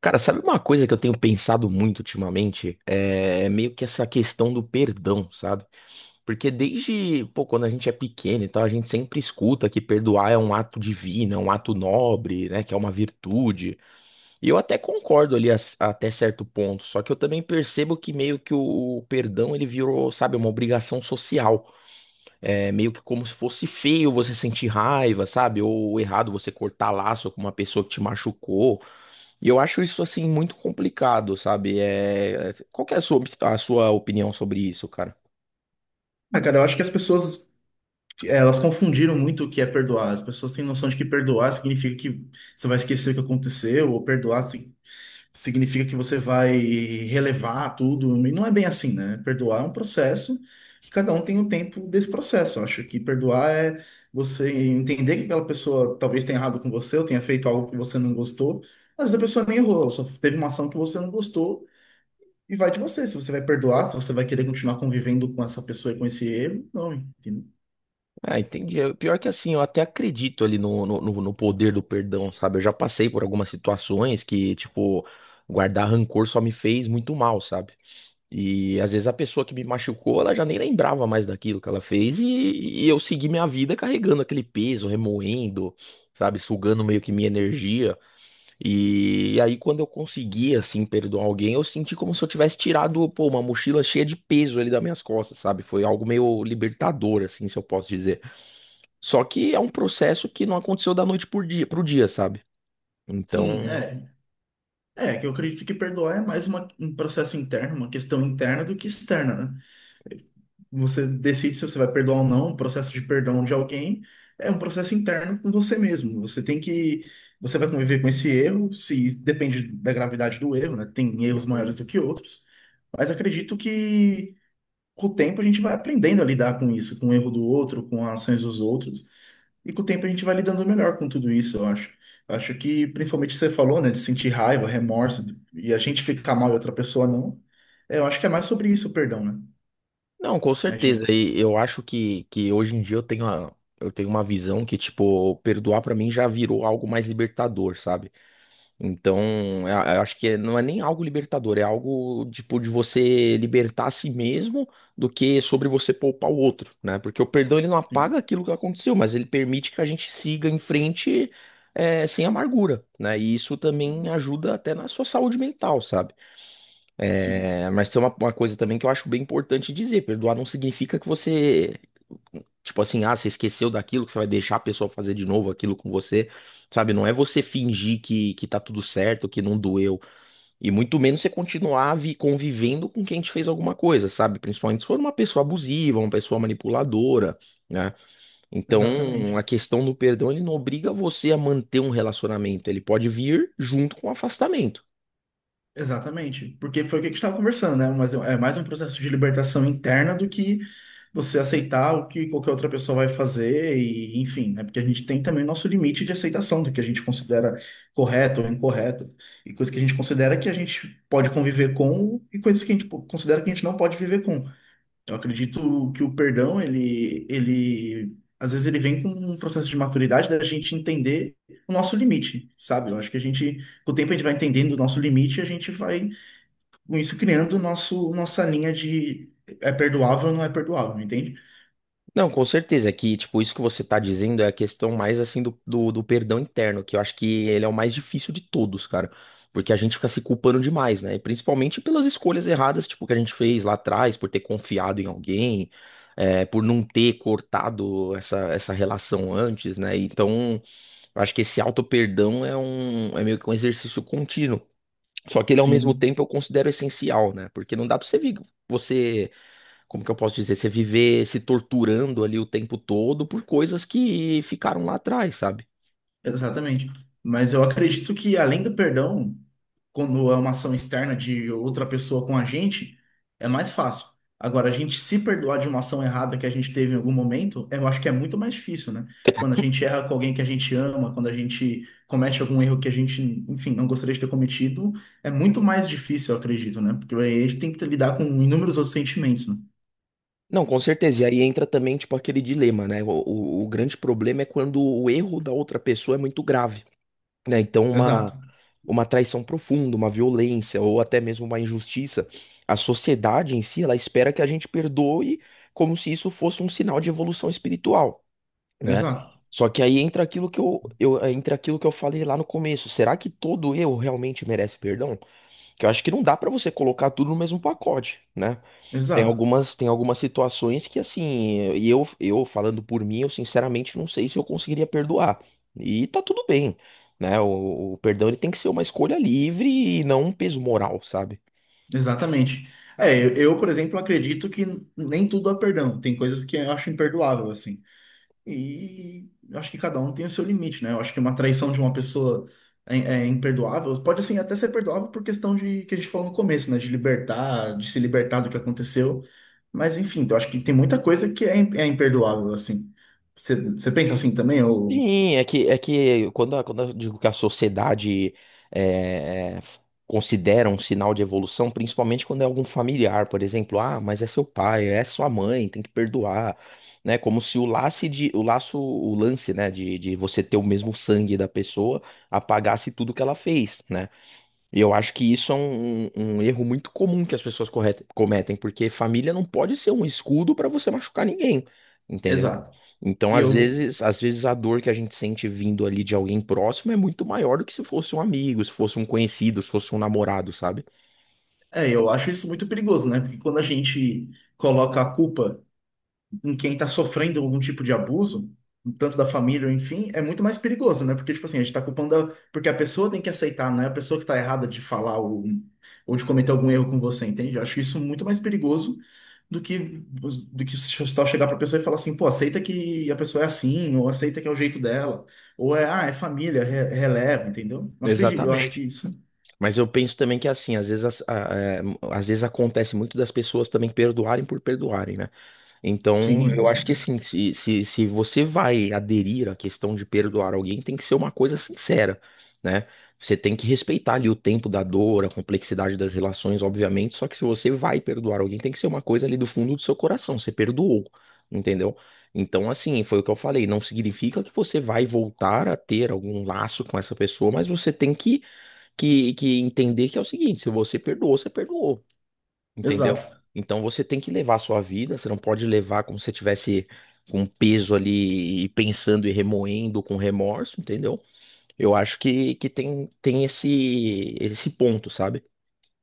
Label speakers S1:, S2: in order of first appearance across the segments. S1: Cara, sabe uma coisa que eu tenho pensado muito ultimamente? É meio que essa questão do perdão, sabe? Porque desde, pô, quando a gente é pequeno e tal, a gente sempre escuta que perdoar é um ato divino, é um ato nobre, né? Que é uma virtude. E eu até concordo ali até certo ponto, só que eu também percebo que meio que o perdão ele virou, sabe, uma obrigação social. É meio que como se fosse feio você sentir raiva, sabe? Ou errado você cortar laço com uma pessoa que te machucou. E eu acho isso assim muito complicado, sabe? Qual que é a sua opinião sobre isso, cara?
S2: Ah, cara, eu acho que as pessoas, elas confundiram muito o que é perdoar. As pessoas têm noção de que perdoar significa que você vai esquecer o que aconteceu, ou significa que você vai relevar tudo. E não é bem assim, né? Perdoar é um processo que cada um tem um tempo desse processo. Eu acho que perdoar é você entender que aquela pessoa talvez tenha errado com você, ou tenha feito algo que você não gostou. Às vezes a pessoa nem errou, ela só teve uma ação que você não gostou. E vai de você, se você vai perdoar, se você vai querer continuar convivendo com essa pessoa e com esse erro, não, entendeu?
S1: Ah, entendi. Pior que assim, eu até acredito ali no poder do perdão, sabe? Eu já passei por algumas situações que, tipo, guardar rancor só me fez muito mal, sabe? E às vezes a pessoa que me machucou, ela já nem lembrava mais daquilo que ela fez e eu segui minha vida carregando aquele peso, remoendo, sabe? Sugando meio que minha energia. E aí, quando eu consegui, assim, perdoar alguém, eu senti como se eu tivesse tirado, pô, uma mochila cheia de peso ali das minhas costas, sabe? Foi algo meio libertador, assim, se eu posso dizer. Só que é um processo que não aconteceu da noite pro dia, sabe?
S2: Sim,
S1: Então.
S2: é. É, que eu acredito que perdoar é mais um processo interno, uma questão interna do que externa, né? Você decide se você vai perdoar ou não, o processo de perdão de alguém é um processo interno com você mesmo. Você tem que, você vai conviver com esse erro, se depende da gravidade do erro, né? Tem erros
S1: Uhum.
S2: maiores do que outros, mas acredito que com o tempo a gente vai aprendendo a lidar com isso, com o erro do outro, com as ações dos outros. E com o tempo a gente vai lidando melhor com tudo isso, eu acho. Acho que, principalmente você falou, né, de sentir raiva, remorso, e a gente ficar mal e outra pessoa não. É, eu acho que é mais sobre isso o perdão, né?
S1: Não, com
S2: A
S1: certeza.
S2: gente,
S1: E eu acho que hoje em dia eu tenho uma visão que, tipo, perdoar pra mim já virou algo mais libertador, sabe? Então, eu acho que não é nem algo libertador, é algo tipo de você libertar a si mesmo do que sobre você poupar o outro, né? Porque o perdão ele não
S2: sim,
S1: apaga aquilo que aconteceu, mas ele permite que a gente siga em frente sem amargura, né? E isso também ajuda até na sua saúde mental, sabe?
S2: sim,
S1: Mas tem uma coisa também que eu acho bem importante dizer: perdoar não significa que você, tipo assim, ah, você esqueceu daquilo, que você vai deixar a pessoa fazer de novo aquilo com você, sabe? Não é você fingir que tá tudo certo, que não doeu. E muito menos você continuar convivendo com quem te fez alguma coisa, sabe? Principalmente se for uma pessoa abusiva, uma pessoa manipuladora, né? Então, a
S2: exatamente.
S1: questão do perdão, ele não obriga você a manter um relacionamento. Ele pode vir junto com o afastamento.
S2: Exatamente. Porque foi o que a gente estava conversando, né? Mas é mais um processo de libertação interna do que você aceitar o que qualquer outra pessoa vai fazer e, enfim, né? Porque a gente tem também o nosso limite de aceitação do que a gente considera correto ou incorreto e coisas que a gente considera que a gente pode conviver com e coisas que a considera que a gente não pode viver com. Eu acredito que o perdão, ele às vezes ele vem com um processo de maturidade da gente entender o nosso limite, sabe? Eu acho que a gente, com o tempo a gente vai entendendo o nosso limite, e a gente vai com isso criando o nosso nossa linha de é perdoável ou não é perdoável, entende?
S1: Não, com certeza é que, tipo, isso que você tá dizendo é a questão mais, assim, do perdão interno, que eu acho que ele é o mais difícil de todos, cara. Porque a gente fica se culpando demais, né? E principalmente pelas escolhas erradas, tipo, que a gente fez lá atrás, por ter confiado em alguém, por não ter cortado essa relação antes, né? Então, eu acho que esse auto-perdão é meio que um exercício contínuo. Só que ele, ao mesmo
S2: Sim,
S1: tempo, eu considero essencial, né? Porque não dá pra você vir, você como que eu posso dizer, você viver se torturando ali o tempo todo por coisas que ficaram lá atrás, sabe?
S2: exatamente. Mas eu acredito que além do perdão, quando é uma ação externa de outra pessoa com a gente, é mais fácil. Agora, a gente se perdoar de uma ação errada que a gente teve em algum momento, eu acho que é muito mais difícil, né? Quando a gente erra com alguém que a gente ama, quando a gente comete algum erro que a gente, enfim, não gostaria de ter cometido, é muito mais difícil, eu acredito, né? Porque aí a gente tem que lidar com inúmeros outros sentimentos, né?
S1: Não, com certeza. E aí entra também, tipo, aquele dilema, né? O grande problema é quando o erro da outra pessoa é muito grave, né? Então,
S2: Exato,
S1: uma traição profunda, uma violência ou até mesmo uma injustiça, a sociedade em si, ela espera que a gente perdoe como se isso fosse um sinal de evolução espiritual, né?
S2: exato,
S1: Só que aí entra aquilo que eu falei lá no começo. Será que todo erro realmente merece perdão? Que eu acho que não dá pra você colocar tudo no mesmo pacote, né? Tem
S2: exato.
S1: algumas, tem algumas situações que assim, e eu falando por mim, eu sinceramente não sei se eu conseguiria perdoar. E tá tudo bem, né? O perdão ele tem que ser uma escolha livre e não um peso moral, sabe?
S2: Exatamente. É, por exemplo, acredito que nem tudo há perdão. Tem coisas que eu acho imperdoável, assim. E eu acho que cada um tem o seu limite, né? Eu acho que uma traição de uma pessoa é imperdoável. Pode, assim, até ser perdoável por questão de que a gente falou no começo, né? De libertar, de se libertar do que aconteceu. Mas, enfim, eu acho que tem muita coisa que é imperdoável, assim. Você pensa assim também? Ou...
S1: Sim, é que quando, quando eu digo que a sociedade é, f- considera um sinal de evolução, principalmente quando é algum familiar, por exemplo, ah, mas é seu pai, é sua mãe, tem que perdoar, né? Como se o laço de, o laço, o lance, né, de você ter o mesmo sangue da pessoa apagasse tudo que ela fez, né? E eu acho que isso é um erro muito comum que as pessoas cometem, porque família não pode ser um escudo para você machucar ninguém, entendeu?
S2: exato.
S1: Então,
S2: E
S1: às
S2: eu,
S1: vezes, às vezes a dor que a gente sente vindo ali de alguém próximo é muito maior do que se fosse um amigo, se fosse um conhecido, se fosse um namorado, sabe?
S2: é, eu acho isso muito perigoso, né? Porque quando a gente coloca a culpa em quem está sofrendo algum tipo de abuso, tanto da família, ou enfim, é muito mais perigoso, né? Porque, tipo assim, a gente está culpando. Porque a pessoa tem que aceitar, não é a pessoa que está errada de falar ou de cometer algum erro com você, entende? Eu acho isso muito mais perigoso do que só chegar para a pessoa e falar assim, pô, aceita que a pessoa é assim, ou aceita que é o jeito dela, ou é, ah, é família, releva, entendeu? Não acredito, eu acho que
S1: Exatamente.
S2: isso.
S1: Mas eu penso também que é assim, às vezes, as- a- é, às vezes acontece muito das pessoas também perdoarem por perdoarem, né? Então,
S2: Sim, com
S1: eu acho que
S2: certeza.
S1: assim, se você vai aderir à questão de perdoar alguém, tem que ser uma coisa sincera, né? Você tem que respeitar ali o tempo da dor, a complexidade das relações, obviamente. Só que se você vai perdoar alguém, tem que ser uma coisa ali do fundo do seu coração. Você perdoou, entendeu? Então, assim, foi o que eu falei. Não significa que você vai voltar a ter algum laço com essa pessoa, mas você tem que entender que é o seguinte: se você perdoou, você perdoou. Entendeu?
S2: Exato.
S1: Então você tem que levar a sua vida, você não pode levar como se você tivesse com um peso ali e pensando e remoendo com remorso, entendeu? Eu acho que tem, tem esse ponto, sabe?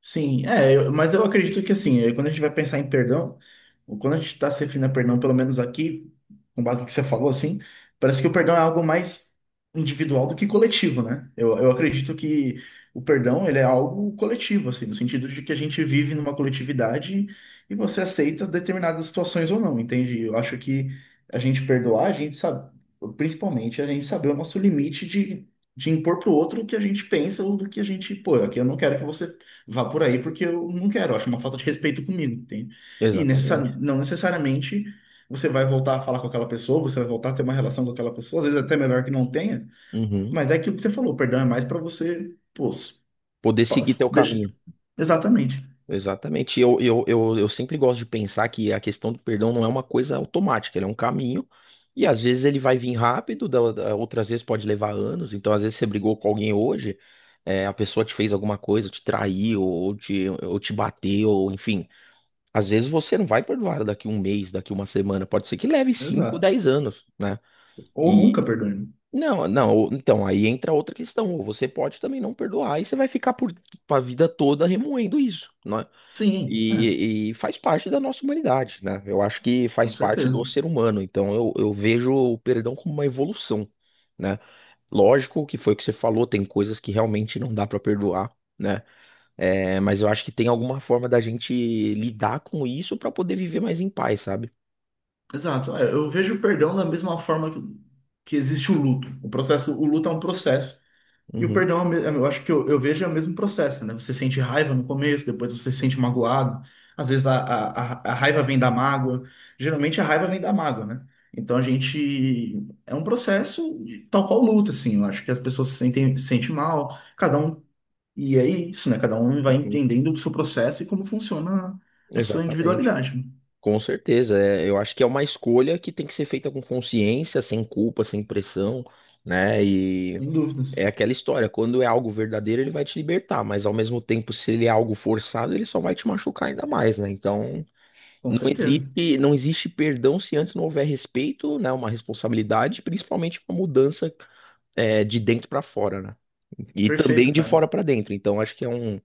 S2: Sim, é, mas eu acredito que assim, eh, quando a gente vai pensar em perdão, ou quando a gente está se referindo a perdão, pelo menos aqui, com base no que você falou, assim, parece que o perdão é algo mais individual do que coletivo, né? Eu acredito que o perdão, ele é algo coletivo, assim, no sentido de que a gente vive numa coletividade e você aceita determinadas situações ou não, entende? Eu acho que a gente perdoar, a gente sabe, principalmente a gente saber o nosso limite de impor pro outro o que a gente pensa ou do que a gente, pô, aqui eu não quero que você vá por aí porque eu não quero, eu acho uma falta de respeito comigo, entende? E
S1: Exatamente.
S2: não necessariamente você vai voltar a falar com aquela pessoa, você vai voltar a ter uma relação com aquela pessoa, às vezes até melhor que não tenha,
S1: Uhum.
S2: mas é aquilo que você falou, perdão é mais para você, pô,
S1: Poder seguir teu
S2: deixa.
S1: caminho.
S2: Exatamente,
S1: Exatamente. E eu sempre gosto de pensar que a questão do perdão não é uma coisa automática, ele é um caminho. E às vezes ele vai vir rápido, outras vezes pode levar anos. Então, às vezes você brigou com alguém hoje, a pessoa te fez alguma coisa, te traiu, ou te bateu, ou enfim. Às vezes você não vai perdoar daqui um mês, daqui uma semana. Pode ser que leve 5
S2: exato.
S1: 10 anos, né?
S2: Ou nunca
S1: E.
S2: perdoe, né?
S1: Não, não, então aí entra outra questão. Ou você pode também não perdoar e você vai ficar por, a vida toda remoendo isso, né?
S2: Sim, é,
S1: E faz parte da nossa humanidade, né? Eu acho que
S2: com
S1: faz parte do
S2: certeza.
S1: ser humano. Então eu vejo o perdão como uma evolução, né? Lógico que foi o que você falou, tem coisas que realmente não dá pra perdoar, né? É, mas eu acho que tem alguma forma da gente lidar com isso pra poder viver mais em paz, sabe?
S2: Exato. É, eu vejo o perdão da mesma forma que existe o luto. O processo, o luto é um processo. E o
S1: Uhum,
S2: perdão, é eu acho que eu vejo é o mesmo processo, né? Você sente raiva no começo, depois você se sente magoado. Às vezes a raiva vem da mágoa. Geralmente a raiva vem da mágoa, né? Então a gente. É um processo tal qual luta, assim. Eu acho que as pessoas se sentem mal, cada um. E é isso, né? Cada um vai
S1: uhum,
S2: entendendo o seu processo e como funciona a sua
S1: exatamente.
S2: individualidade, né?
S1: Com certeza. Eu acho que é uma escolha que tem que ser feita com consciência, sem culpa, sem pressão, né?
S2: Sem
S1: É
S2: dúvidas.
S1: aquela história, quando é algo verdadeiro, ele vai te libertar, mas ao mesmo tempo, se ele é algo forçado, ele só vai te machucar ainda mais, né? Então,
S2: Com
S1: não
S2: certeza.
S1: existe, não existe perdão se antes não houver respeito, né? Uma responsabilidade, principalmente uma mudança de dentro pra fora, né? E também
S2: Perfeito,
S1: de fora
S2: cara.
S1: pra dentro. Então, acho que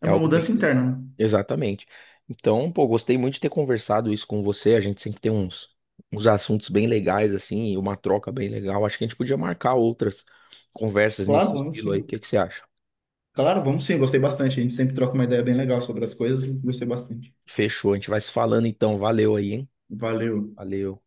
S2: É
S1: é
S2: uma
S1: algo bem...
S2: mudança interna, né?
S1: Exatamente. Então, pô, gostei muito de ter conversado isso com você. A gente sempre tem uns assuntos bem legais, assim, e uma troca bem legal. Acho que a gente podia marcar outras conversas
S2: Claro,
S1: nesse
S2: claro,
S1: estilo aí. O
S2: sim.
S1: que que você acha?
S2: Claro, vamos sim, gostei bastante. A gente sempre troca uma ideia bem legal sobre as coisas, gostei bastante.
S1: Fechou, a gente vai se falando então. Valeu aí, hein?
S2: Valeu.
S1: Valeu.